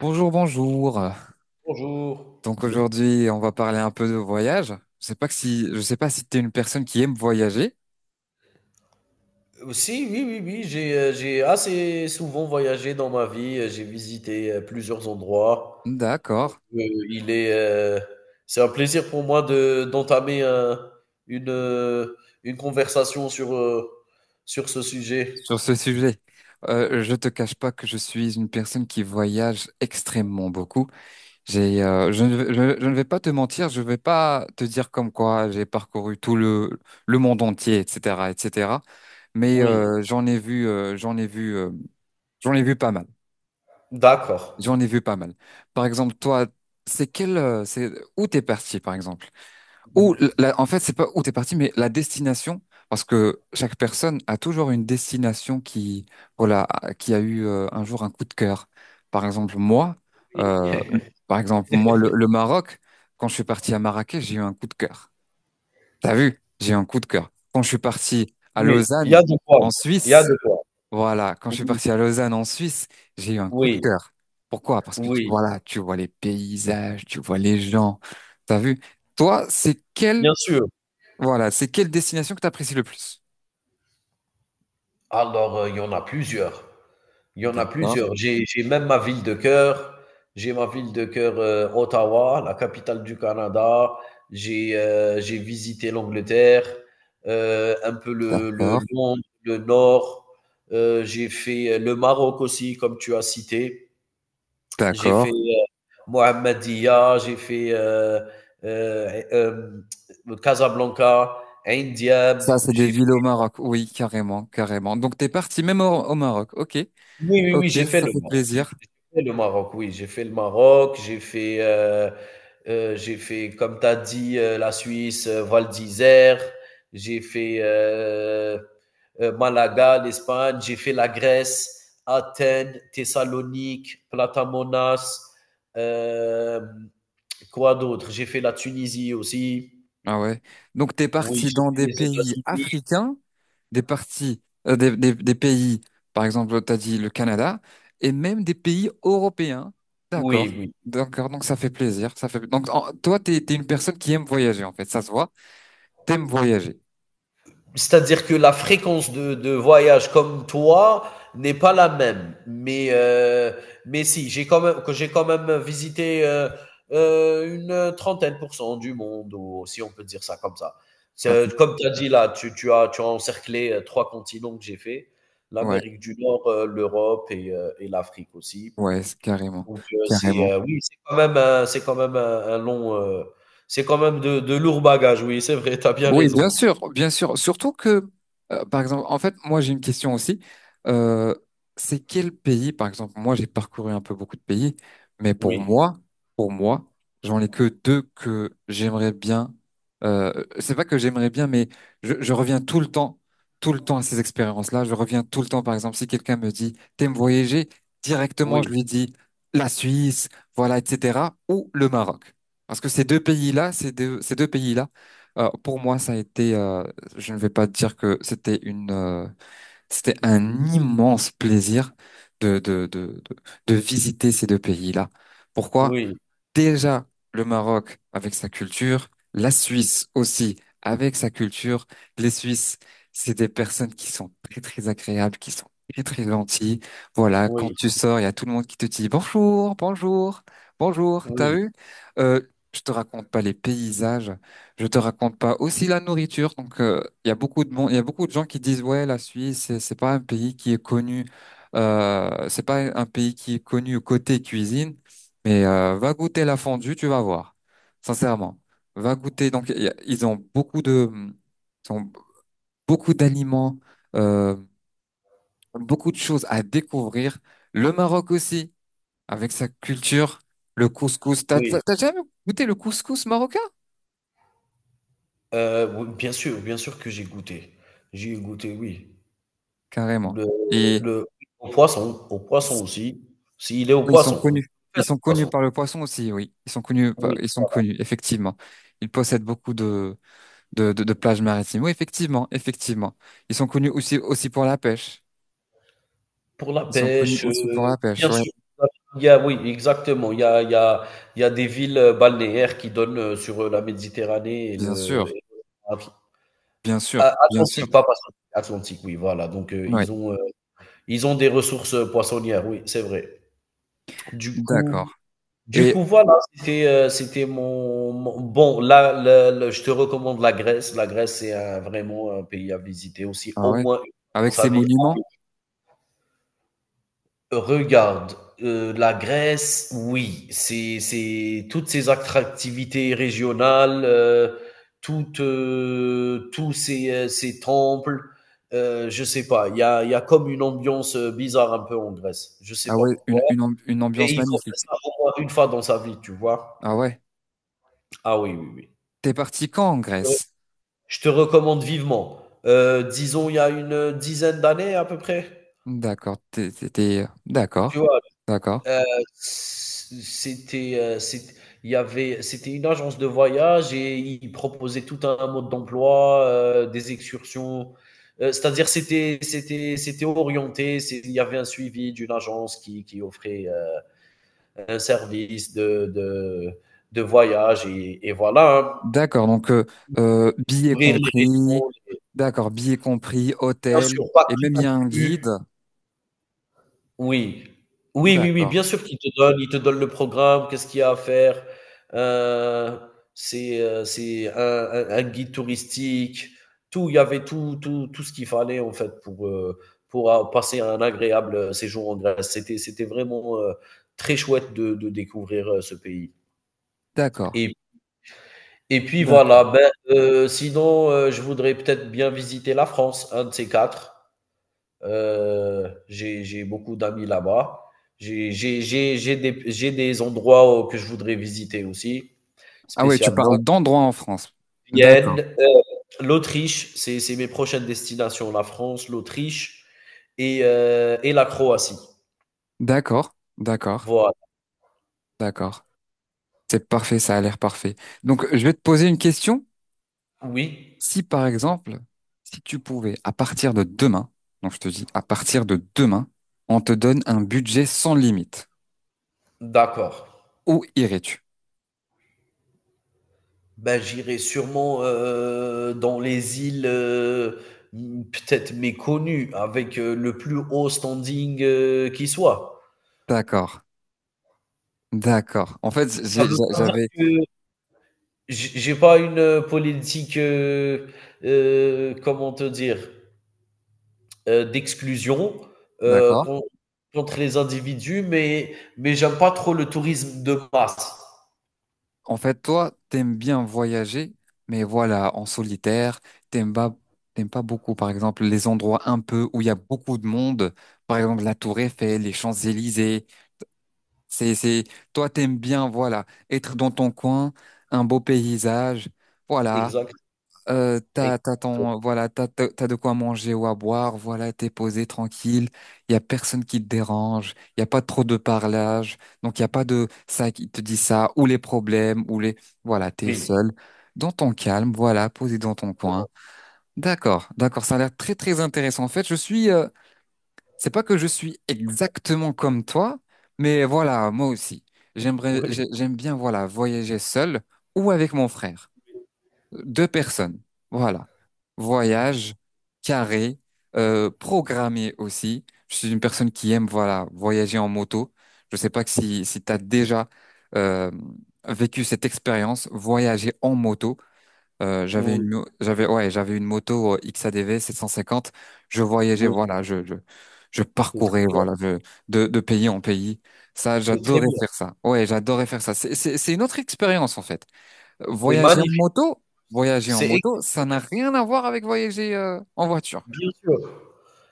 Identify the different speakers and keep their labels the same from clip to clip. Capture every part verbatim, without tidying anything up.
Speaker 1: Bonjour, bonjour.
Speaker 2: Bonjour.
Speaker 1: Donc aujourd'hui, on va parler un peu de voyage. Je sais pas que si, je sais pas si tu es une personne qui aime voyager.
Speaker 2: Aussi, oui, oui, oui, j'ai, heu, j'ai assez souvent voyagé dans ma vie, heu, j'ai visité, heu, plusieurs endroits.
Speaker 1: D'accord.
Speaker 2: Heu, il est, heu, c'est un plaisir pour moi de d'entamer un une, heu, une conversation sur, heu, sur ce sujet.
Speaker 1: Sur ce sujet, euh, je te cache pas que je suis une personne qui voyage extrêmement beaucoup. J'ai, euh, je ne, vais- je, je ne vais pas te mentir, je vais pas te dire comme quoi j'ai parcouru tout le le monde entier, et cetera, et cetera. Mais
Speaker 2: Oui,
Speaker 1: euh, j'en ai vu, euh, j'en ai vu, euh, j'en ai vu pas mal.
Speaker 2: d'accord.
Speaker 1: J'en ai vu pas mal. Par exemple, toi, c'est quel, euh, c'est où t'es parti, par exemple? Ou
Speaker 2: Oui,
Speaker 1: l- la- en fait, c'est pas où t'es parti, mais la destination, parce que chaque personne a toujours une destination qui, voilà, a- qui a eu euh, un jour un coup de cœur. Par exemple, moi, euh, Par exemple, moi, le, le Maroc, quand je suis parti à Marrakech, j'ai eu un coup de cœur. T'as vu? J'ai eu un coup de cœur. Quand je suis parti à
Speaker 2: oui, il y a
Speaker 1: Lausanne,
Speaker 2: de quoi,
Speaker 1: en
Speaker 2: il y a
Speaker 1: Suisse,
Speaker 2: de quoi.
Speaker 1: voilà, quand je suis
Speaker 2: Oui,
Speaker 1: parti à Lausanne en Suisse, j'ai eu un coup de
Speaker 2: oui,
Speaker 1: cœur. Pourquoi? Parce que tu,
Speaker 2: oui,
Speaker 1: voilà, tu vois les paysages, tu vois les gens. T'as vu? Toi, c'est quelle,
Speaker 2: bien sûr.
Speaker 1: voilà, c'est quelle destination que t'apprécies le plus?
Speaker 2: Alors, heu, il y en a plusieurs. Il y en a
Speaker 1: D'accord,
Speaker 2: plusieurs. J'ai j'ai même ma ville de cœur. J'ai ma ville de cœur, heu, Ottawa, la capitale du Canada. J'ai, heu, j'ai visité l'Angleterre, heu, un peu le le
Speaker 1: d'accord,
Speaker 2: Londres, le Nord. Heu, j'ai fait, heu, le Maroc aussi, comme tu as cité. J'ai
Speaker 1: d'accord.
Speaker 2: fait, heu, Mohammedia, j'ai fait, heu heu, et euh, Casablanca, Ain
Speaker 1: Ça, c'est des
Speaker 2: j'ai
Speaker 1: villes au Maroc. Oui, carrément, carrément. Donc, t'es parti même au, au Maroc. Ok,
Speaker 2: Oui, oui, oui,
Speaker 1: ok,
Speaker 2: j'ai fait
Speaker 1: ça
Speaker 2: le
Speaker 1: fait
Speaker 2: Maroc. J'ai
Speaker 1: plaisir.
Speaker 2: j'ai fait le Maroc, oui, j'ai fait le Maroc, j'ai fait, heu heu, j'ai fait, comme tu as dit, heu, la Suisse, heu, Val d'Isère, j'ai fait, heu heu, Malaga, l'Espagne, j'ai fait la Grèce, Athènes, Thessalonique, Platamonas, hem, quoi d'autre? J'ai fait la Tunisie aussi.
Speaker 1: Ah ouais. Donc t'es
Speaker 2: Oui,
Speaker 1: parti
Speaker 2: j'ai
Speaker 1: dans
Speaker 2: fait
Speaker 1: des
Speaker 2: les
Speaker 1: pays
Speaker 2: États-Unis.
Speaker 1: africains, des parties, euh, des, des- des pays, par exemple, t'as dit le Canada, et même des pays européens. D'accord.
Speaker 2: Oui, oui.
Speaker 1: D'accord, donc ça fait plaisir. Ça fait. Donc en- toi, t'es, t'es une personne qui aime voyager, en fait. Ça se voit. T'aimes voyager.
Speaker 2: C'est-à-dire que la fréquence de, de voyage comme toi n'est pas la même. Mais, euh, mais si, j'ai quand même, que j'ai quand même visité euh, euh, une trentaine pour cent du monde, ou si on peut dire ça comme ça.
Speaker 1: Ça fait.
Speaker 2: C'est- Comme tu as dit là, tu, tu as, tu as encerclé euh, trois continents que j'ai fait,
Speaker 1: Ouais,
Speaker 2: l'Amérique du Nord, euh, l'Europe et, euh, et l'Afrique aussi.
Speaker 1: ouais, c'est carrément.
Speaker 2: Donc euh, c'est
Speaker 1: Carrément.
Speaker 2: euh, oui, c'est quand même un, c'est quand même un, un long, euh, c'est quand même de, de lourds bagages. Oui, c'est vrai, tu as bien
Speaker 1: Oui, bien
Speaker 2: raison.
Speaker 1: sûr, bien sûr. Surtout que, euh, par exemple, en fait, moi j'ai une question aussi. Euh, c'est quel pays, par exemple, moi j'ai parcouru un peu beaucoup de pays, mais pour
Speaker 2: Oui,
Speaker 1: moi, pour moi, j'en ai que deux que j'aimerais bien. Euh, c'est pas que j'aimerais bien, mais je, je reviens tout le temps, tout le temps à ces expériences-là. Je reviens tout le temps, par exemple, si quelqu'un me dit, t'aimes voyager, directement je
Speaker 2: oui.
Speaker 1: lui dis la Suisse, voilà, et cetera, ou le Maroc. Parce que ces deux pays-là, ces deux, ces deux pays-là. Euh, pour moi, ça a été, euh, je ne vais pas dire que c'était une, euh, c'était un immense plaisir de, de, de, de, de visiter ces deux pays-là. Pourquoi?
Speaker 2: Oui,
Speaker 1: Déjà le Maroc avec sa culture, la Suisse aussi avec sa culture. Les Suisses, c'est des personnes qui sont très très agréables, qui sont très très gentilles. Voilà, quand
Speaker 2: oui,
Speaker 1: tu sors, il y a tout le monde qui te dit bonjour, bonjour, bonjour. T'as
Speaker 2: oui,
Speaker 1: vu? Euh, je te raconte pas les paysages, je te raconte pas aussi la nourriture. Donc euh, il y a beaucoup de monde, il y a beaucoup de gens qui disent ouais, la Suisse, c'est c'est pas un pays qui est connu. Euh, c'est pas un pays qui est connu côté cuisine, mais euh, va goûter la fondue, tu vas voir. Sincèrement, va goûter. Donc, y a- ils ont beaucoup de, ils ont beaucoup d'aliments, euh, beaucoup de choses à découvrir. Le Maroc aussi, avec sa culture, le couscous. T'as,
Speaker 2: oui.
Speaker 1: t'as t'as jamais goûté le couscous marocain?
Speaker 2: Euh, oui, bien sûr, bien sûr que j'ai goûté. J'ai goûté, oui.
Speaker 1: Carrément.
Speaker 2: Le
Speaker 1: Et
Speaker 2: le Au poisson, au poisson aussi, s'il est au
Speaker 1: oui, ils sont
Speaker 2: poisson,
Speaker 1: connus.
Speaker 2: faites
Speaker 1: Ils sont
Speaker 2: au
Speaker 1: connus
Speaker 2: poisson.
Speaker 1: par le poisson aussi, oui. Ils sont connus, par-
Speaker 2: Oui,
Speaker 1: ils sont connus, effectivement. Ils possèdent beaucoup de, de, de, de plages maritimes. Oui, effectivement, effectivement. Ils sont connus aussi, aussi pour la pêche.
Speaker 2: pour la
Speaker 1: Ils sont connus
Speaker 2: pêche, heu,
Speaker 1: aussi pour la pêche,
Speaker 2: bien
Speaker 1: ouais.
Speaker 2: sûr, il y a oui, exactement, il y a il y a il y a des villes, heu, balnéaires qui donnent, heu, sur, heu, la Méditerranée et
Speaker 1: Bien
Speaker 2: le
Speaker 1: sûr,
Speaker 2: et l'Atl
Speaker 1: bien sûr,
Speaker 2: A
Speaker 1: bien sûr.
Speaker 2: Atlantique, pas Pacifique, Atlantique, oui, voilà, donc heu,
Speaker 1: Ouais,
Speaker 2: ils ont, heu, ils ont des ressources, heu, poissonnières, oui, c'est vrai. Du coup
Speaker 1: d'accord.
Speaker 2: Du
Speaker 1: Et,
Speaker 2: coup, voilà, c'était, euh, c'était mon, mon- Bon, là, le- le- je te recommande la Grèce. La Grèce, c'est un- vraiment un pays à visiter aussi,
Speaker 1: ah
Speaker 2: au
Speaker 1: ouais,
Speaker 2: moins une fois dans
Speaker 1: avec
Speaker 2: sa
Speaker 1: ces
Speaker 2: vie. Ah
Speaker 1: monuments,
Speaker 2: oui. Regarde, euh, la Grèce, oui, c'est, c'est toutes ces attractivités régionales, euh, toutes, euh, tous ces, euh, ces temples, euh, je sais pas, il y a, il y a comme une ambiance euh, bizarre un peu en Grèce. Je sais
Speaker 1: ah
Speaker 2: pas
Speaker 1: ouais,
Speaker 2: pourquoi,
Speaker 1: une, une, amb- une
Speaker 2: mais
Speaker 1: ambiance
Speaker 2: il faut faire
Speaker 1: magnifique.
Speaker 2: ça au moins une fois dans sa vie, tu vois.
Speaker 1: Ah ouais.
Speaker 2: Ah oui, oui,
Speaker 1: T'es parti quand en
Speaker 2: oui.
Speaker 1: Grèce?
Speaker 2: Je te recommande vivement. Heu, disons, il y a une dizaine d'années à peu près,
Speaker 1: D'accord, t'es, t'es- t'es-
Speaker 2: tu
Speaker 1: d'accord,
Speaker 2: vois?
Speaker 1: d'accord,
Speaker 2: Heu, C'était, heu, c'ét il y avait c'était une agence de voyage et ils proposaient tout un mode d'emploi, heu, des excursions, heu, c'est-à-dire c'était c'était c'était orienté, c'est il y avait un suivi d'une agence qui qui offrait, heu, un service de de de voyage et et voilà, hein.
Speaker 1: d'accord. Donc, euh, euh, billets
Speaker 2: Couvrir les
Speaker 1: compris,
Speaker 2: régions, les
Speaker 1: d'accord, billets compris,
Speaker 2: Bien
Speaker 1: hôtel,
Speaker 2: sûr, pas
Speaker 1: et
Speaker 2: tout
Speaker 1: même il y a un guide.
Speaker 2: inclus. Oui. Oui, oui, oui,
Speaker 1: D'accord,
Speaker 2: bien sûr qu'il te donne il te donne le programme, qu'est-ce qu'il y a à faire. Heu, c'est, heu, c'est un un un guide touristique, tout, il y avait tout tout tout ce qu'il fallait en fait pour, heu, pour a passer un agréable, euh, séjour en Grèce. C'était c'était vraiment, heu, très chouette de de découvrir, heu, ce pays
Speaker 1: d'accord,
Speaker 2: et et puis
Speaker 1: d'accord.
Speaker 2: voilà, ben, heu, sinon, heu, je voudrais peut-être bien visiter la France, un de ces quatre. Euh, j'ai j'ai beaucoup d'amis là-bas. J'ai j'ai- j'ai- j'ai des, j'ai des endroits euh, que je voudrais visiter aussi,
Speaker 1: Ah ouais, tu parles
Speaker 2: spécialement.
Speaker 1: d'endroits en France. D'accord,
Speaker 2: Vienne, euh, l'Autriche, c'est c'est mes prochaines destinations. La France, l'Autriche et, euh, et la Croatie.
Speaker 1: d'accord, d'accord,
Speaker 2: Voilà.
Speaker 1: d'accord. C'est parfait, ça a l'air parfait. Donc, je vais te poser une question.
Speaker 2: Oui,
Speaker 1: Si, par exemple, si tu pouvais, à partir de demain, donc je te dis, à partir de demain, on te donne un budget sans limite,
Speaker 2: d'accord.
Speaker 1: où irais-tu?
Speaker 2: Ben, j'irai sûrement euh, dans les îles euh, m- peut-être méconnues, avec euh, le plus haut standing euh, qui soit.
Speaker 1: D'accord, d'accord. En fait,
Speaker 2: Ça
Speaker 1: j'ai-
Speaker 2: veut
Speaker 1: j'a-
Speaker 2: pas dire
Speaker 1: j'avais,
Speaker 2: que J'ai j'ai pas une euh, politique, heu heu, comment te dire? Heu, d'exclusion, heu,
Speaker 1: d'accord.
Speaker 2: con contre les individus, mais mais j'aime pas trop le tourisme de masse.
Speaker 1: En fait, toi, t'aimes bien voyager, mais voilà, en solitaire, t'aimes pas, t'aimes pas beaucoup, par exemple, les endroits un peu où il y a beaucoup de monde, par exemple la Tour Eiffel, les Champs-Élysées. C'est, c'est, toi, t'aimes bien, voilà, être dans ton coin, un beau paysage, voilà,
Speaker 2: Exact,
Speaker 1: euh,
Speaker 2: exact.
Speaker 1: t'as, t'as ton, voilà, t'as, t'as t'as de quoi manger ou à boire, voilà, t'es posé, tranquille, il y a personne qui te dérange, il y a pas trop de parlage, donc il y a pas de ça qui te dit ça, ou les problèmes, ou les, voilà, t'es
Speaker 2: Oui,
Speaker 1: seul, dans ton calme, voilà, posé dans ton coin. D'accord, d'accord, ça a l'air très, très intéressant. En fait, je suis, euh, c'est pas que je suis exactement comme toi, mais voilà, moi aussi. J'aimerais,
Speaker 2: oui,
Speaker 1: j'ai- j'aime bien, voilà, voyager seul ou avec mon frère. Deux personnes. Voilà. Voyage, carré, euh, programmé aussi. Je suis une personne qui aime, voilà, voyager en moto. Je sais pas que si, si tu as déjà euh, vécu cette expérience, voyager en moto. Euh, j'avais
Speaker 2: oui,
Speaker 1: une, mo- j'avais, ouais, J'avais une moto euh, X A D V sept cent cinquante. Je voyageais,
Speaker 2: oui,
Speaker 1: voilà, je, je, je
Speaker 2: c'est très
Speaker 1: parcourais,
Speaker 2: bien,
Speaker 1: voilà, je- de, de pays en pays. Ça,
Speaker 2: c'est très
Speaker 1: j'adorais
Speaker 2: bien,
Speaker 1: faire ça. Ouais, j'adorais faire ça. C'est, c'est, c'est une autre expérience, en fait. Euh,
Speaker 2: c'est
Speaker 1: Voyager en
Speaker 2: magnifique,
Speaker 1: moto, Voyager en
Speaker 2: c'est
Speaker 1: moto, ça n'a
Speaker 2: exceptionnel,
Speaker 1: rien à voir avec voyager, euh, en voiture.
Speaker 2: bien sûr.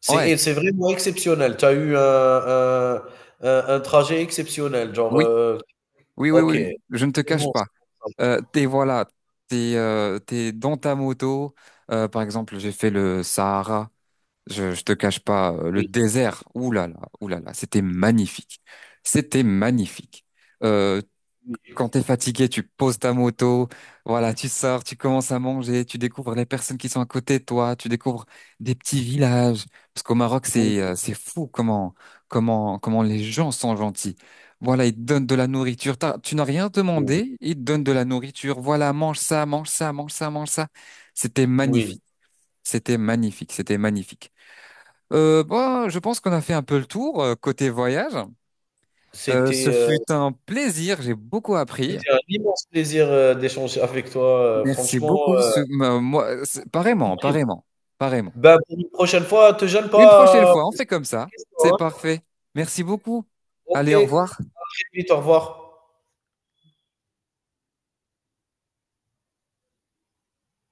Speaker 2: C'est
Speaker 1: Ouais,
Speaker 2: et c'est vraiment exceptionnel. Tu as eu un un un un trajet exceptionnel, genre,
Speaker 1: oui,
Speaker 2: heu
Speaker 1: oui, oui,
Speaker 2: OK,
Speaker 1: oui, oui. Je ne te
Speaker 2: c'est
Speaker 1: cache
Speaker 2: bon,
Speaker 1: pas.
Speaker 2: c'est bon, ça
Speaker 1: Euh,
Speaker 2: va.
Speaker 1: t'es, voilà, t'es, euh, t'es dans ta moto. Euh, par exemple, j'ai fait le Sahara. Je, je te cache pas, euh, le
Speaker 2: Oui,
Speaker 1: désert, oulala, oulala, c'était magnifique. C'était magnifique. Euh,
Speaker 2: oui,
Speaker 1: quand t'es fatigué, tu poses ta moto, voilà, tu sors, tu commences à manger, tu découvres les personnes qui sont à côté de toi, tu découvres des petits villages. Parce qu'au Maroc, c'est
Speaker 2: oui,
Speaker 1: euh, c'est fou comment comment comment les gens sont gentils. Voilà, ils te donnent de la nourriture. T'as- Tu n'as rien
Speaker 2: oui.
Speaker 1: demandé, ils te donnent de la nourriture. Voilà, mange ça, mange ça, mange ça, mange ça. C'était
Speaker 2: Oui,
Speaker 1: magnifique. C'était magnifique, c'était magnifique. Euh, bah, je pense qu'on a fait un peu le tour euh, côté voyage. Euh,
Speaker 2: c'était,
Speaker 1: ce
Speaker 2: heu,
Speaker 1: fut un plaisir, j'ai beaucoup appris.
Speaker 2: c'était un immense plaisir, heu, d'échanger avec toi, heu,
Speaker 1: Merci
Speaker 2: franchement,
Speaker 1: beaucoup.
Speaker 2: heu,
Speaker 1: Ce- m- moi, c'est-
Speaker 2: je t'en
Speaker 1: pareillement,
Speaker 2: prie.
Speaker 1: pareillement, pareillement.
Speaker 2: Bah, pour une prochaine fois, te gêne
Speaker 1: Une prochaine
Speaker 2: pas à
Speaker 1: fois, on fait
Speaker 2: poser
Speaker 1: comme
Speaker 2: plus de
Speaker 1: ça. C'est
Speaker 2: questions, hein.
Speaker 1: parfait. Merci beaucoup.
Speaker 2: OK,
Speaker 1: Allez,
Speaker 2: à
Speaker 1: au revoir.
Speaker 2: très vite, au revoir.